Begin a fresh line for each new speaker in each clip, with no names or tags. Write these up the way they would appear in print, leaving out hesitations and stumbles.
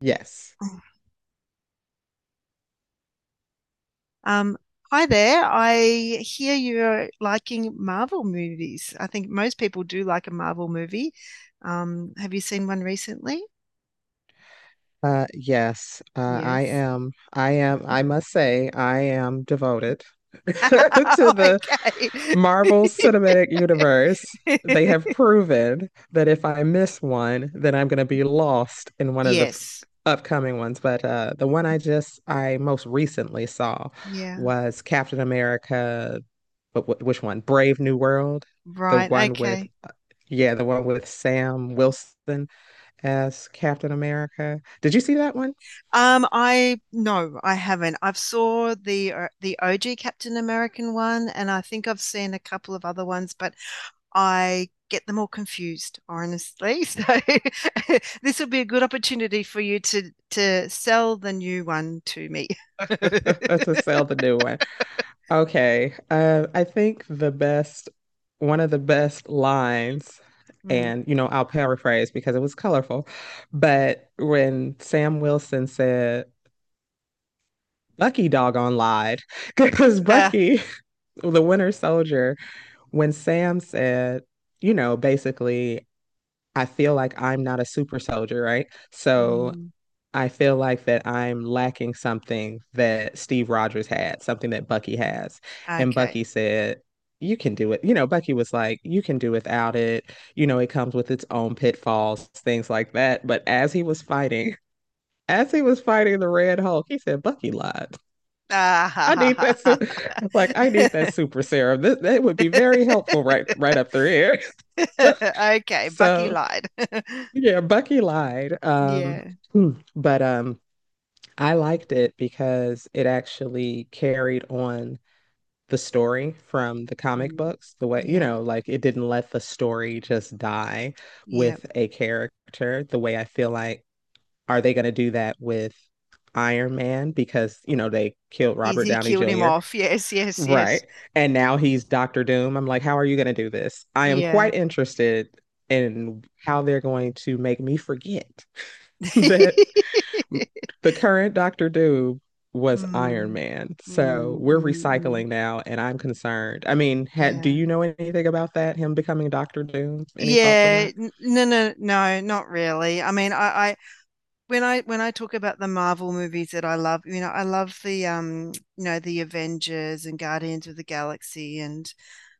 Yes.
Um, Hi there. I hear you're liking Marvel movies. I think most people do like a Marvel movie. Have you seen one recently?
Yes. I
Yes.
am. I must say, I am devoted to the
Okay.
Marvel Cinematic Universe. They have proven that if I miss one, then I'm going to be lost in one of the
Yes.
upcoming ones. But the one I most recently saw
Yeah.
was Captain America. But which one? Brave New World, the
Right.
one with,
Okay.
uh, yeah, the one with Sam Wilson, as Captain America. Did you see that one?
I no, I haven't. I've saw the OG Captain American one, and I think I've seen a couple of other ones, but I get them all confused, honestly. So this would be a good opportunity for you to sell the new one to me.
To sell the new one. Okay. I think one of the best lines,
Mm.
and you know, I'll paraphrase because it was colorful, but when Sam Wilson said, Bucky doggone lied, because
Uh,
Bucky, the Winter Soldier, when Sam said, you know, basically, I feel like I'm not a super soldier, right? So
mm,
I feel like that I'm lacking something that Steve Rogers had, something that Bucky has. And
okay.
Bucky said, You can do it. You know, Bucky was like, You can do without it. You know, it comes with its own pitfalls, things like that. But as he was fighting, as he was fighting the Red Hulk, he said, Bucky lied.
Ah, ha,
I
ha,
need
ha, ha.
like I need that super serum. That would be very helpful right up through here.
Okay, Bucky
so
lied.
yeah, Bucky lied.
Yeah.
But I liked it because it actually carried on the story from the comic
Mm.
books, the way, you
Yeah.
know, like it didn't let the story just die
Yeah.
with a character, the way I feel like, are they going to do that with Iron Man? Because, you know, they killed Robert
Easy
Downey
killed him
Jr.
off. Yes, yes, yes.
Right. And now he's Doctor Doom. I'm like, how are you going to do this? I am
Yeah.
quite interested in how they're going to make me forget that the current Doctor Doom was Iron
Mm,
Man. So
mm,
we're
mm, mm.
recycling now, and I'm concerned. I mean, do
Yeah.
you know anything about that? Him becoming Doctor Doom? Any thoughts on
Yeah,
that?
no, no, no, not really. I mean, I when I talk about the Marvel movies that I love, you know, I love the you know, the Avengers and Guardians of the Galaxy and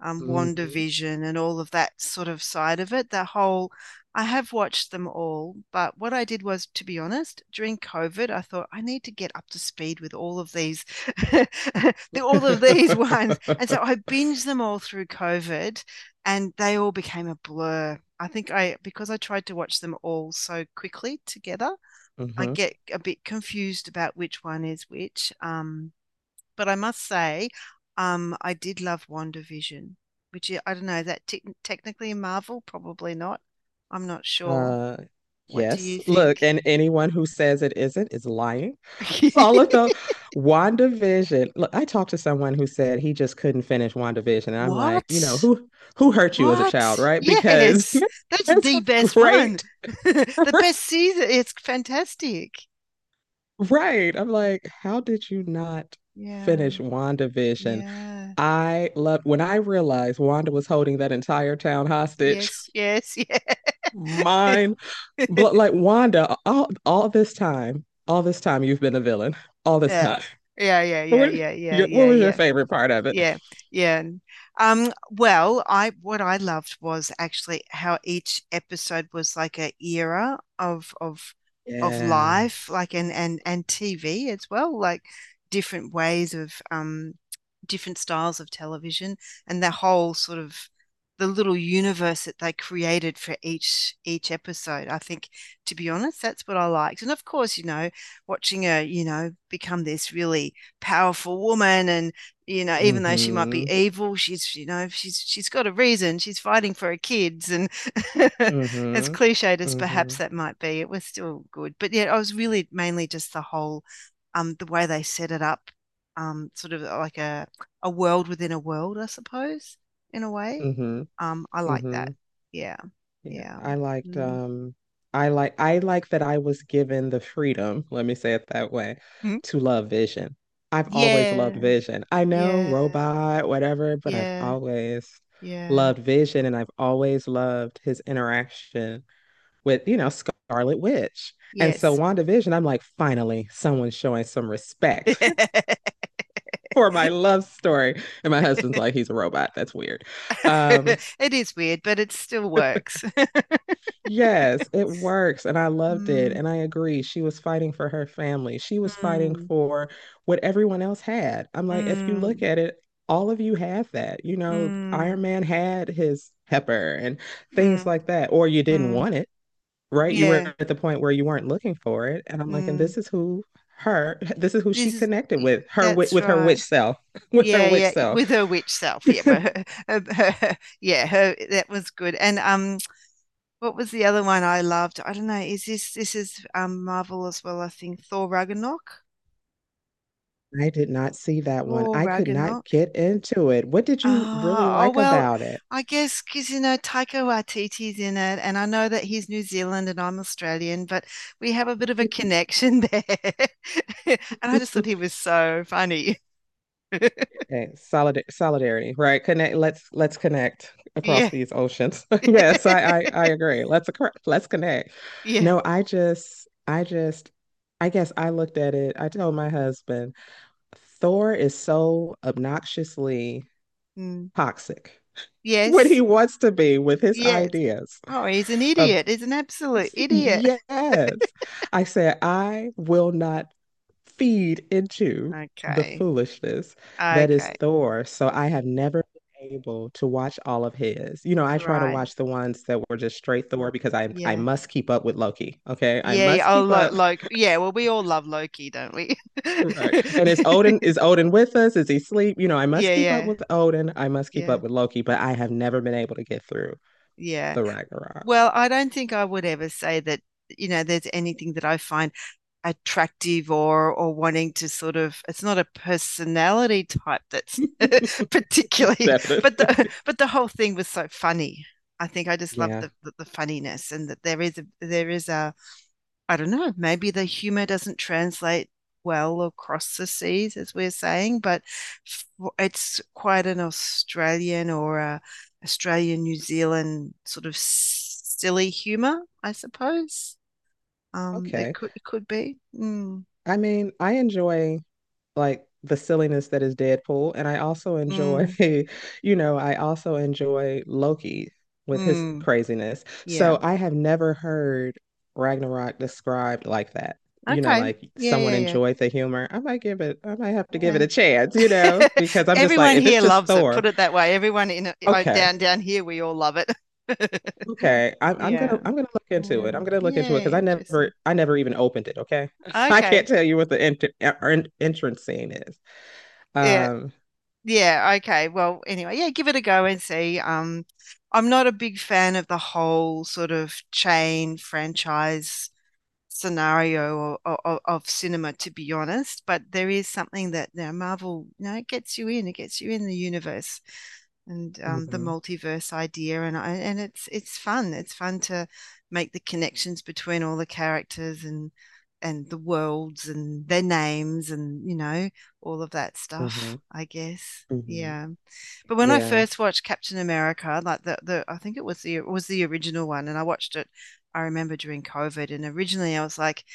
hmm
WandaVision and all of that sort of side of it. The whole, I have watched them all, but what I did was, to be honest, during COVID, I thought I need to get up to speed with all of these, all of these ones, and so I binged them all through COVID, and they all became a blur. I think I because I tried to watch them all so quickly together, I
hmm
get a bit confused about which one is which. But I must say, I did love WandaVision, which I don't know, is that technically a Marvel? Probably not. I'm not sure.
Uh,
What do
yes.
you
Look,
think?
and anyone who says it isn't is lying. It's All of the WandaVision. Look, I talked to someone who said he just couldn't finish WandaVision, and I'm like, you know,
What?
who hurt you as a child,
What?
right? Because
Yes, that's
that's
the
what's
best one.
great.
The best season. It's fantastic.
Right. I'm like, how did you not
Yeah,
finish WandaVision?
yeah.
I loved when I realized Wanda was holding that entire town hostage.
Yes, yes, yeah.
Mine. But like Wanda, all this time you've been a villain. All this
Yeah,
time.
yeah, yeah, yeah,
what
yeah, yeah,
your what
yeah,
was your
yeah.
favorite part of it?
Yeah, yeah. Well, I what I loved was actually how each episode was like a era of
Yes.
life, like and TV as well, like different ways of different styles of television and the whole sort of the little universe that they created for each episode. I think, to be honest, that's what I liked. And of course, you know, watching her, you know, become this really powerful woman and you know, even though she might
Mm-hmm.
be evil, she's you know, she's got a reason. She's fighting for her kids, and as
Mm-hmm.
cliched as
Mm-hmm.
perhaps that might be, it was still good. But yeah, I was really mainly just the whole, the way they set it up, sort of like a world within a world, I suppose, in a way.
Mm-hmm.
I like
Mm-hmm.
that. Yeah,
Yeah.
yeah,
I liked
Mm.
I like that I was given the freedom, let me say it that way,
Hmm?
to love Vision. I've always loved
Yeah,
Vision. I know
yeah,
robot, whatever, but I've
yeah,
always
yeah.
loved Vision and I've always loved his interaction with, you know, Scarlet Witch. And so
Yes.
WandaVision, I'm like, finally, someone's showing some respect for my love story. And my husband's like, he's a robot. That's weird. Um,
It is weird, but it still works.
yes, it works. And I loved it.
Mm,
And I agree. She was fighting for her family. She was fighting
mm,
for what everyone else had. I'm like, if you look
mm,
at it, all of you had that. You know,
mm,
Iron Man had his pepper and things
mm,
like that, or you didn't
mm.
want it, right? You were
Yeah.
at the point where you weren't looking for it. And I'm like, and
Mm.
this is who this is who
This
she
is
connected
y-
with,
that's
with her
right.
witch self, with her
Yeah,
witch
yeah.
self.
With her witch self. Yeah, but yeah, her that was good. And what was the other one I loved? I don't know. Is this is Marvel as well, I think. Thor Ragnarok?
I did not see that one.
Thor
I could not
Ragnarok.
get into it. What did you really
Ah, oh
like
well,
about it?
I guess because you know Taika Waititi's in it, and I know that he's New Zealand and I'm Australian, but we have a bit of a connection there. And I just thought he was so funny.
okay, solidarity, right? Connect. Let's connect across
Yeah,
these oceans. yes, I I agree. Let's connect.
yeah,
No, I just I guess I looked at it. I told my husband Thor is so obnoxiously
Mm.
toxic when he
Yes,
wants to be with his
yes.
ideas.
Oh, he's an
Uh,
idiot. He's an absolute idiot.
yes. I said, I will not feed into the
Okay,
foolishness that is
okay,
Thor. So I have never been able to watch all of his. You know, I try to
right.
watch the ones that were just straight Thor because I
Yeah,
must keep up with Loki. Okay. I
yeah,
must
yeah. Oh,
keep
lo
up.
Loki. Yeah, well, we all love Loki, don't we?
Right. And is Odin with us? Is he asleep? You know, I must
Yeah,
keep up
yeah,
with Odin. I must keep
yeah.
up with Loki, but I have never been able to get through
Yeah.
the Ragnarok.
Well, I don't think I would ever say that, you know, there's anything that I find attractive or wanting to sort of it's not a personality type that's particularly but
Definitely.
the but the whole thing was so funny. I think I just love
Yeah.
the funniness and that there is a I don't know, maybe the humor doesn't translate well across the seas, as we're saying, but it's quite an Australian or a Australian New Zealand sort of silly humor, I suppose. It
Okay.
could be. Mm,
I mean, I enjoy like the silliness that is Deadpool. And I also enjoy,
mm,
you know, I also enjoy Loki with his
mm.
craziness.
Yeah.
So I have never heard Ragnarok described like that. You know,
Okay.
like
Yeah,
someone
yeah, yeah.
enjoyed the humor. I might have to give it
Yeah.
a chance, you know, because I'm just like,
Everyone
if it's
here
just
loves it.
Thor,
Put it that way. Everyone in
okay.
down here, we all love it.
Okay,
Yeah.
I'm gonna look into
Yeah.
it. I'm gonna look into
Yeah,
it because
interesting.
I never even opened it. Okay, I
Okay.
can't tell you what the entrance scene is.
Yeah.
Um,
Yeah, okay. Well, anyway, yeah, give it a go and see. I'm not a big fan of the whole sort of chain franchise scenario of cinema, to be honest, but there is something that you know, Marvel, you know, it gets you in, it gets you in the universe, and the
hmm
multiverse idea and it's fun to make the connections between all the characters and the worlds and their names, and you know all of that stuff I guess.
hmm
Yeah, but when I
Yeah.
first watched Captain America, like the I think it was the original one and I watched it, I remember, during COVID, and originally I was like,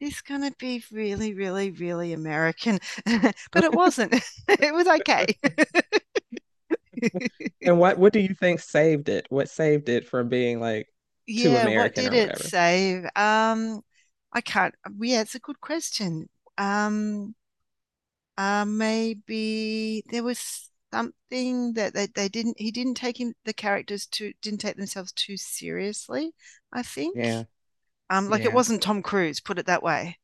this gonna be really really really American, but it wasn't. It was okay.
And what do you think saved it? What saved it from being like too
Yeah, what
American
did
or
it
whatever?
save? I can't. Yeah, it's a good question. Um, maybe there was something that they didn't. He didn't take him the characters to didn't take themselves too seriously. I think.
Yeah,
Like it
yeah,
wasn't Tom Cruise. Put it that way.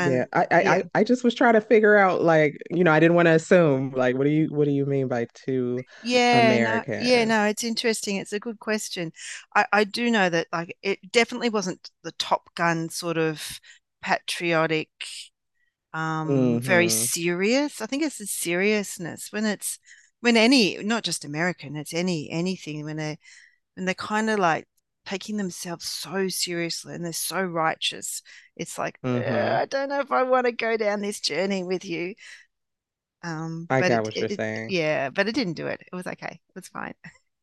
yeah. I, I,
yeah,
I I just was trying to figure out, like, you know, I didn't want to assume, like, what do you mean by too
yeah, no, yeah,
American?
no. It's interesting. It's a good question. I do know that like it definitely wasn't the Top Gun sort of patriotic very
Mm-hmm.
serious. I think it's the seriousness when it's when any not just American, it's any anything when they're kind of like taking themselves so seriously and they're so righteous. It's like
Mm-hmm.
I don't know if I want to go down this journey with you.
I
But
get
it,
what
it,
you're
it
saying.
yeah, but it didn't do it. It was okay. It was fine.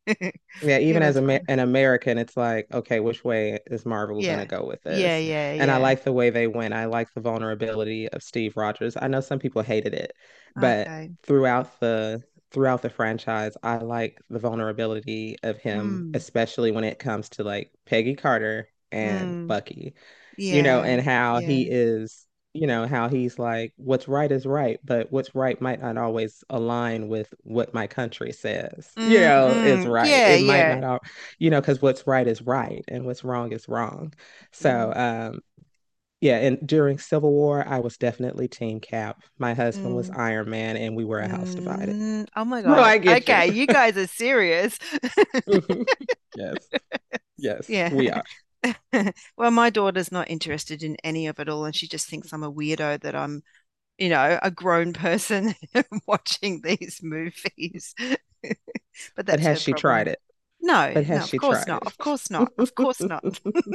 Yeah,
It
even as
was fun.
an American, it's like, okay, which way is Marvel going to
Yeah.
go with
Yeah,
this?
yeah,
And I
yeah.
like the way they went. I like the vulnerability of Steve Rogers. I know some people hated it, but
Okay.
throughout the franchise, I like the vulnerability of him,
Mm.
especially when it comes to like Peggy Carter and
Mm.
Bucky. You know,
Yeah.
and how he
Yeah.
is, you know, how he's like, what's right is right, but what's right might not always align with what my country says, you
Mm,
know, is
mm.
right.
Yeah,
It might
yeah.
not all, you know, because what's right is right and what's wrong is wrong. So,
Mm,
yeah, and during Civil War, I was definitely Team Cap. My husband was
mm,
Iron Man, and we were a house divided.
mm. Oh my
So
God.
I get you.
Okay, you guys are serious.
Mhm. Yes, yes,
Yeah.
we are.
Well, my daughter's not interested in any of it all, and she just thinks I'm a weirdo that I'm, you know, a grown person watching these movies. But
But
that's
has
her
she
problem.
tried it?
No,
But
no,
has
of
she
course not.
tried
Of course
it?
not. Of course not.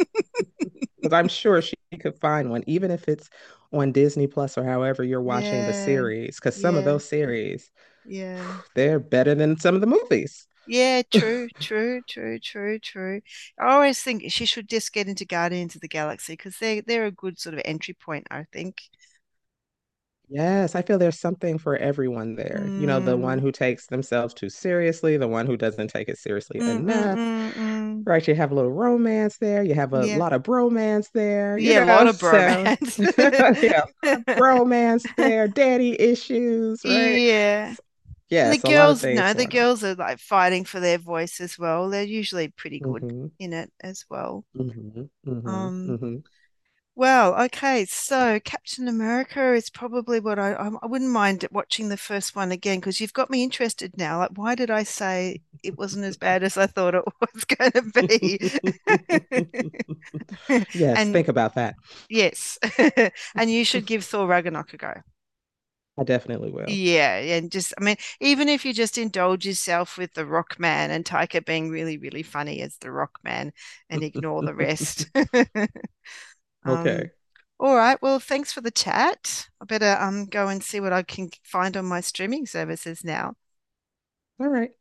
Because I'm sure she could find one, even if it's on Disney Plus or however you're watching the
Yeah.
series. Because some of
Yeah.
those series,
Yeah.
they're better than some of the movies.
Yeah, true, true, true, true, true. I always think she should just get into Guardians of the Galaxy because they're a good sort of entry point, I think.
Yes, I feel there's something for everyone there. You know, the one
Mm.
who takes themselves too seriously, the one who doesn't take it seriously
Mm, mm,
enough,
mm, mm.
right? You have a little romance there, you have a
Yeah.
lot of bromance there, you
Yeah, a
know,
lot of
so yeah,
bromance.
a lot of bromance there, daddy issues, right?
Yeah. And the
Yes, a lot of
girls,
things
no, the
going
girls are like fighting for their voice as well. They're usually pretty
on.
good in it as well.
Hmm hmm
Um
hmm
Well, okay, so Captain America is probably what I wouldn't mind watching the first one again because you've got me interested now. Like, why did I say it wasn't as bad as I thought it was going to be?
Yes,
And
think about that.
yes, and you should give Thor Ragnarok a go.
I definitely will.
Yeah, yeah, and just I mean, even if you just indulge yourself with the Rock Man and Taika being really, really funny as the Rock Man and ignore the rest. Um,
Okay.
all right. Well, thanks for the chat. I better go and see what I can find on my streaming services now.
All right.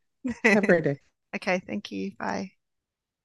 Have a great day.
Okay, thank you. Bye.